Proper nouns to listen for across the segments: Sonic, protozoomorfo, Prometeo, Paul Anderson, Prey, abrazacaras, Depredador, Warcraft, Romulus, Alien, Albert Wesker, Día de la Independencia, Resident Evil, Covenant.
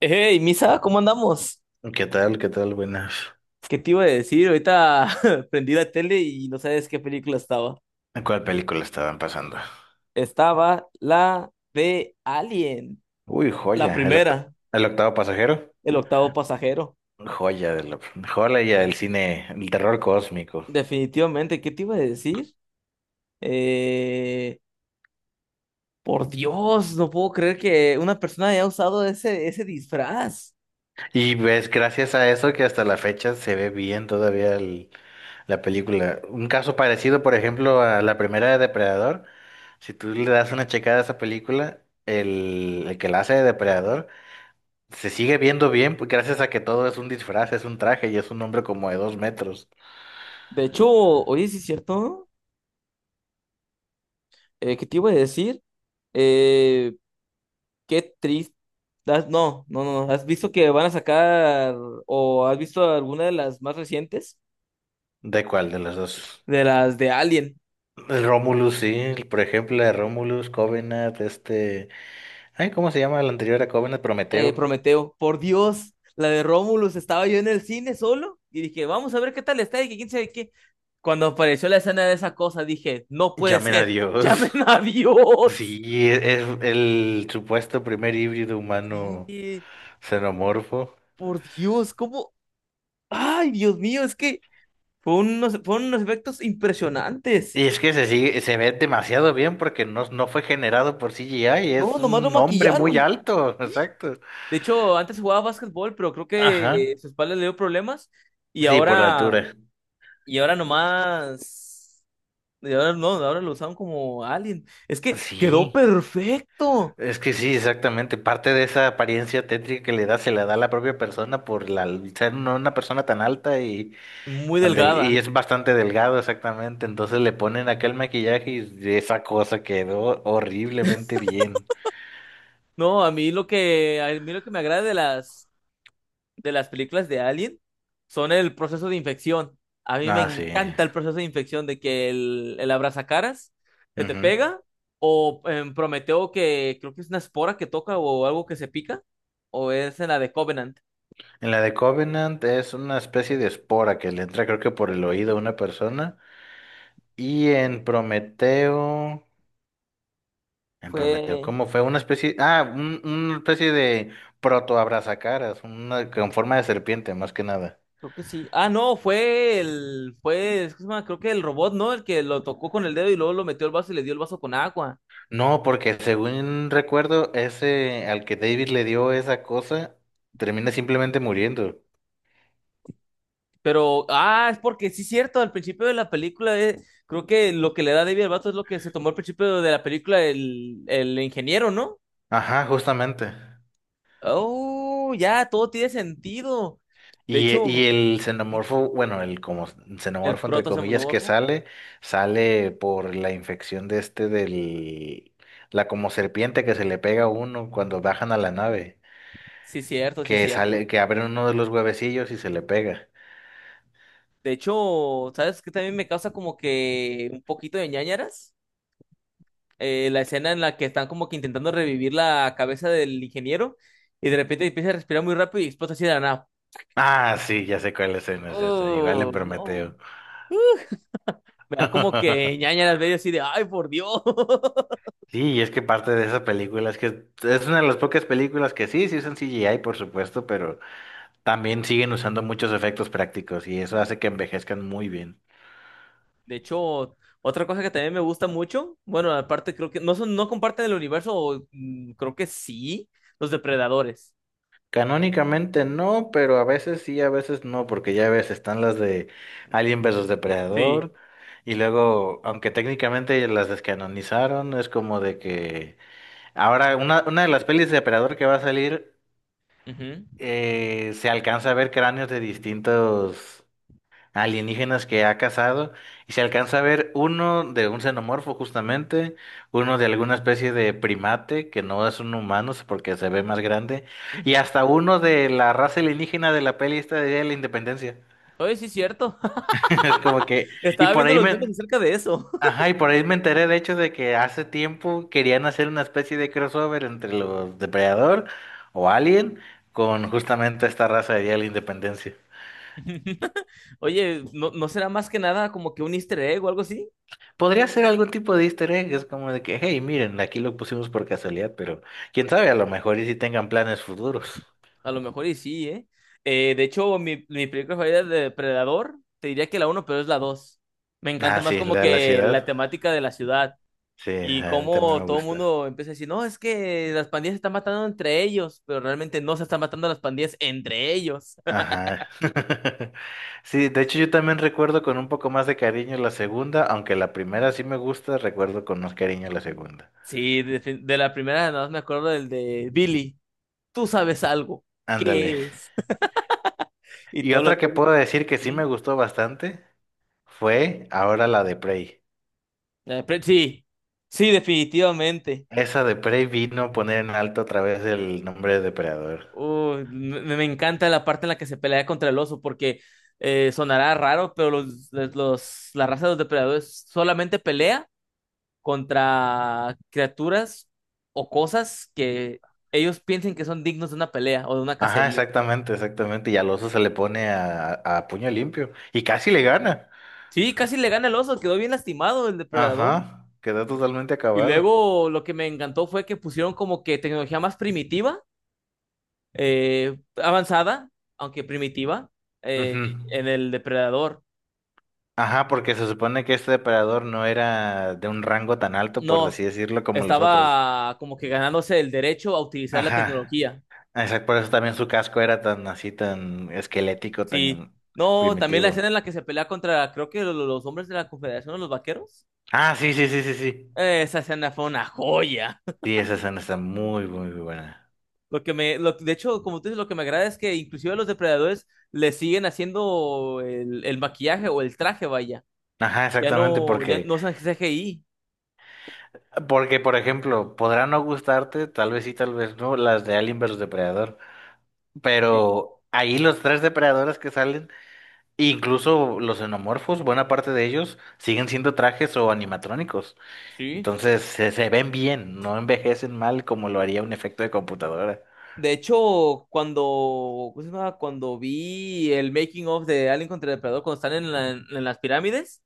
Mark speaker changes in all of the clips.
Speaker 1: Hey, Misa, ¿cómo andamos?
Speaker 2: ¿Qué tal? ¿Qué tal? Buenas.
Speaker 1: ¿Qué te iba a decir? Ahorita prendí la tele y no sabes qué película estaba.
Speaker 2: ¿Cuál película estaban pasando?
Speaker 1: Estaba la de Alien,
Speaker 2: Uy,
Speaker 1: la
Speaker 2: joya.
Speaker 1: primera,
Speaker 2: El octavo pasajero.
Speaker 1: el octavo pasajero.
Speaker 2: Joya del, Joya del cine, el terror cósmico.
Speaker 1: Definitivamente, ¿qué te iba a decir? Eh, por Dios, no puedo creer que una persona haya usado ese disfraz.
Speaker 2: Y ves, gracias a eso que hasta la fecha se ve bien todavía la película. Un caso parecido, por ejemplo, a la primera de Depredador. Si tú le das una checada a esa película, el que la hace de Depredador se sigue viendo bien pues, gracias a que todo es un disfraz, es un traje y es un hombre como de dos metros.
Speaker 1: De hecho, oye, sí es cierto. ¿Qué te iba a decir? Eh, Qué triste. No, no, no. no. ¿Has visto que van a sacar o has visto alguna de las más recientes?
Speaker 2: ¿De cuál de los dos?
Speaker 1: De las de Alien,
Speaker 2: Romulus, sí, por ejemplo, la de Romulus, Covenant, este. Ay, ¿cómo se llama la anterior a Covenant? Prometeo.
Speaker 1: Prometeo. Por Dios, la de Romulus. Estaba yo en el cine solo y dije, vamos a ver qué tal está y que quién sabe qué. Cuando apareció la escena de esa cosa, dije, no puede
Speaker 2: Llamen a
Speaker 1: ser.
Speaker 2: Dios.
Speaker 1: Llamen a Dios.
Speaker 2: Sí, es el supuesto primer híbrido
Speaker 1: Sí,
Speaker 2: humano xenomorfo.
Speaker 1: por Dios, ¿cómo? Ay, Dios mío, es que fueron unos efectos impresionantes.
Speaker 2: Y es que se sigue, se ve demasiado bien porque no fue generado por CGI,
Speaker 1: No,
Speaker 2: es
Speaker 1: nomás lo
Speaker 2: un hombre muy
Speaker 1: maquillaron.
Speaker 2: alto, exacto.
Speaker 1: De hecho, antes jugaba básquetbol, pero creo que
Speaker 2: Ajá.
Speaker 1: su espalda le dio problemas y
Speaker 2: Sí, por la
Speaker 1: ahora,
Speaker 2: altura.
Speaker 1: y ahora nomás, y ahora no, ahora lo usaron como alien. Es que quedó
Speaker 2: Sí.
Speaker 1: perfecto,
Speaker 2: Es que sí, exactamente. Parte de esa apariencia tétrica que le da, se la da a la propia persona por la, ser una persona tan alta y,
Speaker 1: muy
Speaker 2: y
Speaker 1: delgada.
Speaker 2: es bastante delgado, exactamente. Entonces le ponen aquel maquillaje y esa cosa quedó horriblemente bien.
Speaker 1: No, a mí lo que me agrada de las películas de Alien son el proceso de infección. A mí me
Speaker 2: Ah, sí.
Speaker 1: encanta el proceso de infección de que el abrazacaras que te
Speaker 2: Ujú.
Speaker 1: pega o en Prometeo que creo que es una espora que toca o algo que se pica o es en la de Covenant.
Speaker 2: En la de Covenant es una especie de espora que le entra, creo que por el oído a una persona. Y en Prometeo. En Prometeo,
Speaker 1: Fue,
Speaker 2: ¿cómo fue? Una especie, ah, una especie de protoabrazacaras, una con forma de serpiente, más que nada.
Speaker 1: creo que sí. Ah, no, fue, ¿cómo se llama? Creo que el robot, ¿no? El que lo tocó con el dedo y luego lo metió al vaso y le dio el vaso con agua.
Speaker 2: No, porque según recuerdo, ese al que David le dio esa cosa, termina simplemente muriendo.
Speaker 1: Pero, ah, es porque sí es cierto, al principio de la película, creo que lo que le da David al vato es lo que se tomó al principio de la película el ingeniero, ¿no?
Speaker 2: Ajá, justamente.
Speaker 1: Oh, ya, todo tiene sentido. De hecho,
Speaker 2: Y el xenomorfo, bueno, el como
Speaker 1: el
Speaker 2: xenomorfo entre comillas que
Speaker 1: protozoomorfo,
Speaker 2: sale, sale por la infección de este del, la como serpiente que se le pega a uno cuando bajan a la nave,
Speaker 1: sí es cierto, sí es
Speaker 2: que
Speaker 1: cierto.
Speaker 2: sale, que abre uno de los huevecillos y se le pega.
Speaker 1: De hecho, ¿sabes qué también me causa como que un poquito de ñáñaras? La escena en la que están como que intentando revivir la cabeza del ingeniero y de repente empieza a respirar muy rápido y explota así de la nada.
Speaker 2: Ah, sí, ya sé cuál escena es esa, igual en
Speaker 1: Oh, no.
Speaker 2: Prometeo.
Speaker 1: Me da como que ñaña las veo así de, ay, por Dios.
Speaker 2: Sí, y es que parte de esa película es que es una de las pocas películas que sí usan CGI, por supuesto, pero también siguen usando muchos efectos prácticos y eso hace que envejezcan muy bien.
Speaker 1: De hecho, otra cosa que también me gusta mucho, bueno, aparte creo que no comparten el universo, o, mm, creo que sí, los depredadores.
Speaker 2: Canónicamente no, pero a veces sí, a veces no, porque ya ves, están las de Alien versus
Speaker 1: Sí.
Speaker 2: Depredador y luego, aunque técnicamente las descanonizaron, es como de que ahora, una de las pelis de Depredador que va a salir,
Speaker 1: Ujú,
Speaker 2: se alcanza a ver cráneos de distintos alienígenas que ha cazado y se alcanza a ver uno de un xenomorfo justamente, uno de alguna especie de primate que no es un humano porque se ve más grande y
Speaker 1: ujú.
Speaker 2: hasta uno de la raza alienígena de la peli esta de Día de la Independencia.
Speaker 1: Oye, sí es cierto.
Speaker 2: Es como que y
Speaker 1: Estaba
Speaker 2: por
Speaker 1: viendo
Speaker 2: ahí
Speaker 1: los memes
Speaker 2: me,
Speaker 1: acerca de eso.
Speaker 2: ajá, y por ahí me enteré de hecho de que hace tiempo querían hacer una especie de crossover entre los Depredador o Alien con justamente esta raza de Día de la Independencia.
Speaker 1: Oye, ¿no será más que nada como que un easter egg o algo así?
Speaker 2: Podría ser algún tipo de easter egg, es como de que, hey, miren, aquí lo pusimos por casualidad, pero quién sabe, a lo mejor y si tengan planes futuros.
Speaker 1: A lo mejor y sí, ¿eh? De hecho, mi película favorita de Depredador, te diría que la uno, pero es la dos. Me encanta
Speaker 2: Ah,
Speaker 1: más
Speaker 2: sí,
Speaker 1: como
Speaker 2: la de la
Speaker 1: que la
Speaker 2: ciudad.
Speaker 1: temática de la ciudad.
Speaker 2: Sí,
Speaker 1: Y
Speaker 2: a mí también
Speaker 1: como
Speaker 2: me
Speaker 1: todo el
Speaker 2: gusta.
Speaker 1: mundo empieza a decir, no, es que las pandillas se están matando entre ellos, pero realmente no se están matando las pandillas entre ellos.
Speaker 2: Ajá. Sí, de hecho yo también recuerdo con un poco más de cariño la segunda, aunque la primera sí me gusta, recuerdo con más cariño la segunda.
Speaker 1: Sí, de la primera nada más me acuerdo del de Billy, tú sabes algo, ¿qué
Speaker 2: Ándale.
Speaker 1: es? Y
Speaker 2: Y
Speaker 1: todos los
Speaker 2: otra que
Speaker 1: zombies,
Speaker 2: puedo decir que sí me
Speaker 1: "Ujú".
Speaker 2: gustó bastante fue ahora la de Prey.
Speaker 1: Pero sí, sí, definitivamente.
Speaker 2: Esa de Prey vino a poner en alto otra vez el nombre de Depredador.
Speaker 1: Uy, me encanta la parte en la que se pelea contra el oso, porque sonará raro, pero la raza de los depredadores solamente pelea contra criaturas o cosas que ellos piensen que son dignos de una pelea o de una
Speaker 2: Ajá,
Speaker 1: cacería.
Speaker 2: exactamente, exactamente. Y al oso se le pone a puño limpio. Y casi le gana.
Speaker 1: Sí, casi le gana el oso, quedó bien lastimado el depredador.
Speaker 2: Ajá, quedó totalmente
Speaker 1: Y
Speaker 2: acabado.
Speaker 1: luego lo que me encantó fue que pusieron como que tecnología más primitiva, avanzada, aunque primitiva, eh,
Speaker 2: Ujú.
Speaker 1: en el depredador.
Speaker 2: Ajá, porque se supone que este depredador no era de un rango tan alto, por
Speaker 1: No,
Speaker 2: así decirlo, como los otros.
Speaker 1: estaba como que ganándose el derecho a utilizar la
Speaker 2: Ajá.
Speaker 1: tecnología.
Speaker 2: Ah, exacto, por eso también su casco era tan así, tan esquelético,
Speaker 1: Sí.
Speaker 2: tan
Speaker 1: No, también la
Speaker 2: primitivo.
Speaker 1: escena en la que se pelea contra, los hombres de la Confederación, los vaqueros.
Speaker 2: Ah, sí, sí, sí, sí, sí.
Speaker 1: Esa escena fue una joya.
Speaker 2: Sí, esa escena está muy, muy buena.
Speaker 1: Lo que me, lo- De hecho, como tú dices, lo que me agrada es que inclusive a los depredadores le siguen haciendo el maquillaje o el traje, vaya.
Speaker 2: Ajá,
Speaker 1: Ya
Speaker 2: exactamente,
Speaker 1: no, ya no usan CGI.
Speaker 2: porque, por ejemplo, podrá no gustarte, tal vez sí, tal vez no, las de Alien versus Depredador,
Speaker 1: Sí.
Speaker 2: pero ahí los tres depredadores que salen, incluso los xenomorfos, buena parte de ellos, siguen siendo trajes o animatrónicos.
Speaker 1: Sí.
Speaker 2: Entonces, se ven bien, no envejecen mal como lo haría un efecto de computadora.
Speaker 1: De hecho, cuando, ¿cómo se llama? Cuando vi el making of de Alien contra el Depredador, cuando están en las pirámides,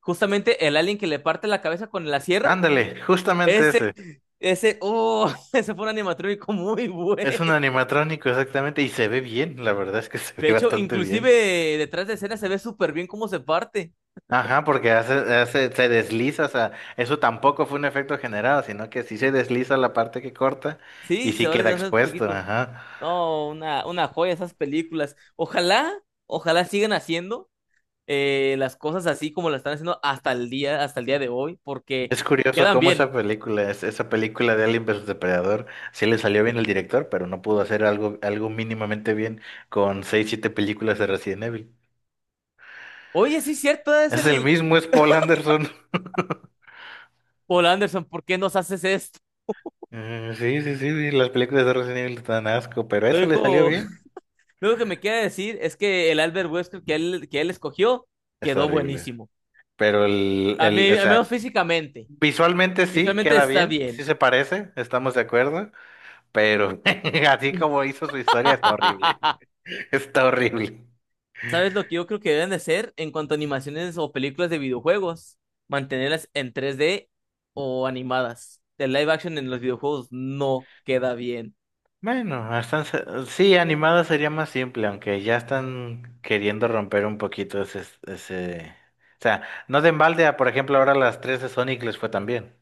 Speaker 1: justamente el alien que le parte la cabeza con la sierra,
Speaker 2: Ándale, justamente
Speaker 1: ese,
Speaker 2: ese.
Speaker 1: oh, ese fue un animatrónico muy bueno.
Speaker 2: Es un animatrónico, exactamente, y se ve bien, la verdad es que se
Speaker 1: De
Speaker 2: ve
Speaker 1: hecho,
Speaker 2: bastante
Speaker 1: inclusive
Speaker 2: bien.
Speaker 1: detrás de escena se ve súper bien cómo se parte.
Speaker 2: Ajá, porque hace, se desliza, o sea, eso tampoco fue un efecto generado, sino que sí se desliza la parte que corta y
Speaker 1: Sí, se
Speaker 2: sí
Speaker 1: va
Speaker 2: queda
Speaker 1: deshaciendo un
Speaker 2: expuesto,
Speaker 1: poquito.
Speaker 2: ajá.
Speaker 1: No, una joya esas películas. Ojalá, ojalá sigan haciendo las cosas así como las están haciendo hasta el día de hoy, porque
Speaker 2: Es curioso
Speaker 1: quedan
Speaker 2: cómo esa
Speaker 1: bien.
Speaker 2: película, esa película de Alien vs Depredador, sí le salió bien el director, pero no pudo hacer algo, algo mínimamente bien con seis, siete películas de Resident Evil.
Speaker 1: Oye, sí, cierto, es
Speaker 2: Es el
Speaker 1: el
Speaker 2: mismo, es Paul Anderson.
Speaker 1: Paul Anderson, ¿por qué nos haces esto?
Speaker 2: Mm, sí, sí, sí, sí, las películas de Resident Evil dan asco, pero
Speaker 1: Lo
Speaker 2: eso le salió
Speaker 1: único,
Speaker 2: bien.
Speaker 1: lo único que me queda decir es que el Albert Wesker que él escogió
Speaker 2: Está
Speaker 1: quedó
Speaker 2: horrible.
Speaker 1: buenísimo.
Speaker 2: Pero
Speaker 1: A mí,
Speaker 2: o
Speaker 1: al
Speaker 2: sea,
Speaker 1: menos físicamente.
Speaker 2: visualmente sí,
Speaker 1: Visualmente
Speaker 2: queda
Speaker 1: está
Speaker 2: bien, sí
Speaker 1: bien.
Speaker 2: se parece, estamos de acuerdo, pero así como hizo su historia, está horrible. Está horrible.
Speaker 1: ¿Sabes lo que yo creo que deben de ser en cuanto a animaciones o películas de videojuegos? Mantenerlas en 3D o animadas. El live action en los videojuegos no queda bien,
Speaker 2: Bueno, hasta, sí, animada sería más simple, aunque ya están queriendo romper un poquito ese... O sea, no de embalde, a, por ejemplo, ahora las tres de Sonic les fue tan bien.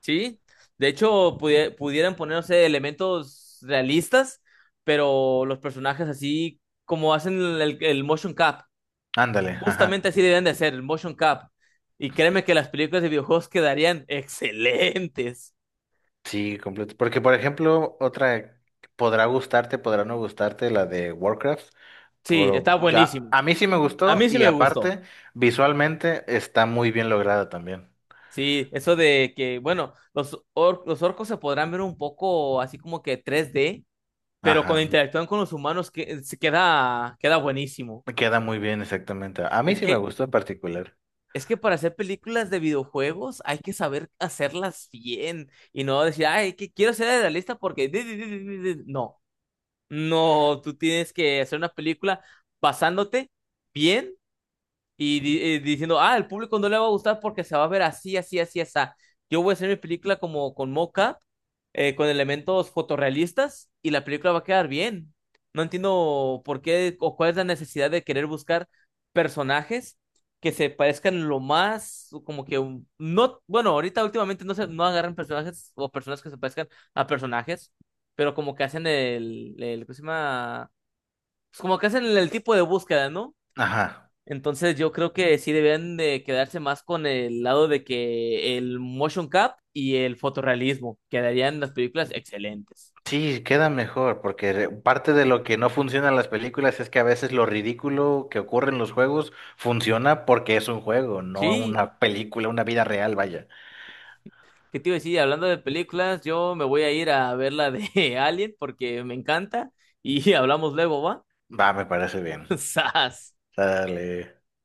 Speaker 1: ¿sí? De hecho, pudieran ponerse elementos realistas, pero los personajes así como hacen el motion cap.
Speaker 2: Ándale,
Speaker 1: Justamente
Speaker 2: ajá.
Speaker 1: así deben de ser, el motion cap. Y créeme que las películas de videojuegos quedarían excelentes.
Speaker 2: Sí, completo. Porque, por ejemplo, otra podrá gustarte, podrá no gustarte, la de Warcraft,
Speaker 1: Sí, está
Speaker 2: pero ya
Speaker 1: buenísimo.
Speaker 2: a mí sí me
Speaker 1: A
Speaker 2: gustó
Speaker 1: mí sí
Speaker 2: y
Speaker 1: me gustó.
Speaker 2: aparte, visualmente está muy bien lograda también.
Speaker 1: Sí, eso de que, bueno, los orcos se podrán ver un poco así como que tres d, pero cuando
Speaker 2: Ajá,
Speaker 1: interactúan con los humanos que, queda buenísimo.
Speaker 2: queda muy bien exactamente. A mí
Speaker 1: Es
Speaker 2: sí me
Speaker 1: que,
Speaker 2: gustó en particular.
Speaker 1: es que para hacer películas de videojuegos hay que saber hacerlas bien y no decir, ay, que quiero ser realista porque... di, di, di, di, di". Di". No, no, tú tienes que hacer una película basándote bien y diciendo, ah, el público no le va a gustar porque se va a ver así, así, así, así. Yo voy a hacer mi película como con mocap, con elementos fotorrealistas y la película va a quedar bien. No entiendo por qué o cuál es la necesidad de querer buscar personajes que se parezcan lo más, no, bueno, ahorita últimamente no agarran personajes o personas que se parezcan a personajes, pero como que hacen ¿cómo se llama? Pues como que hacen el tipo de búsqueda, ¿no?
Speaker 2: Ajá.
Speaker 1: Entonces yo creo que sí deben de quedarse más con el lado de que el motion cap y el fotorrealismo quedarían las películas excelentes.
Speaker 2: Sí, queda mejor, porque parte de lo que no funciona en las películas es que a veces lo ridículo que ocurre en los juegos funciona porque es un juego, no
Speaker 1: Sí,
Speaker 2: una película, una vida real, vaya.
Speaker 1: ¿qué te iba a decir? Hablando de películas, yo me voy a ir a ver la de Alien porque me encanta y hablamos luego, ¿va?
Speaker 2: Va, me parece bien.
Speaker 1: ¡Sas!
Speaker 2: Dale.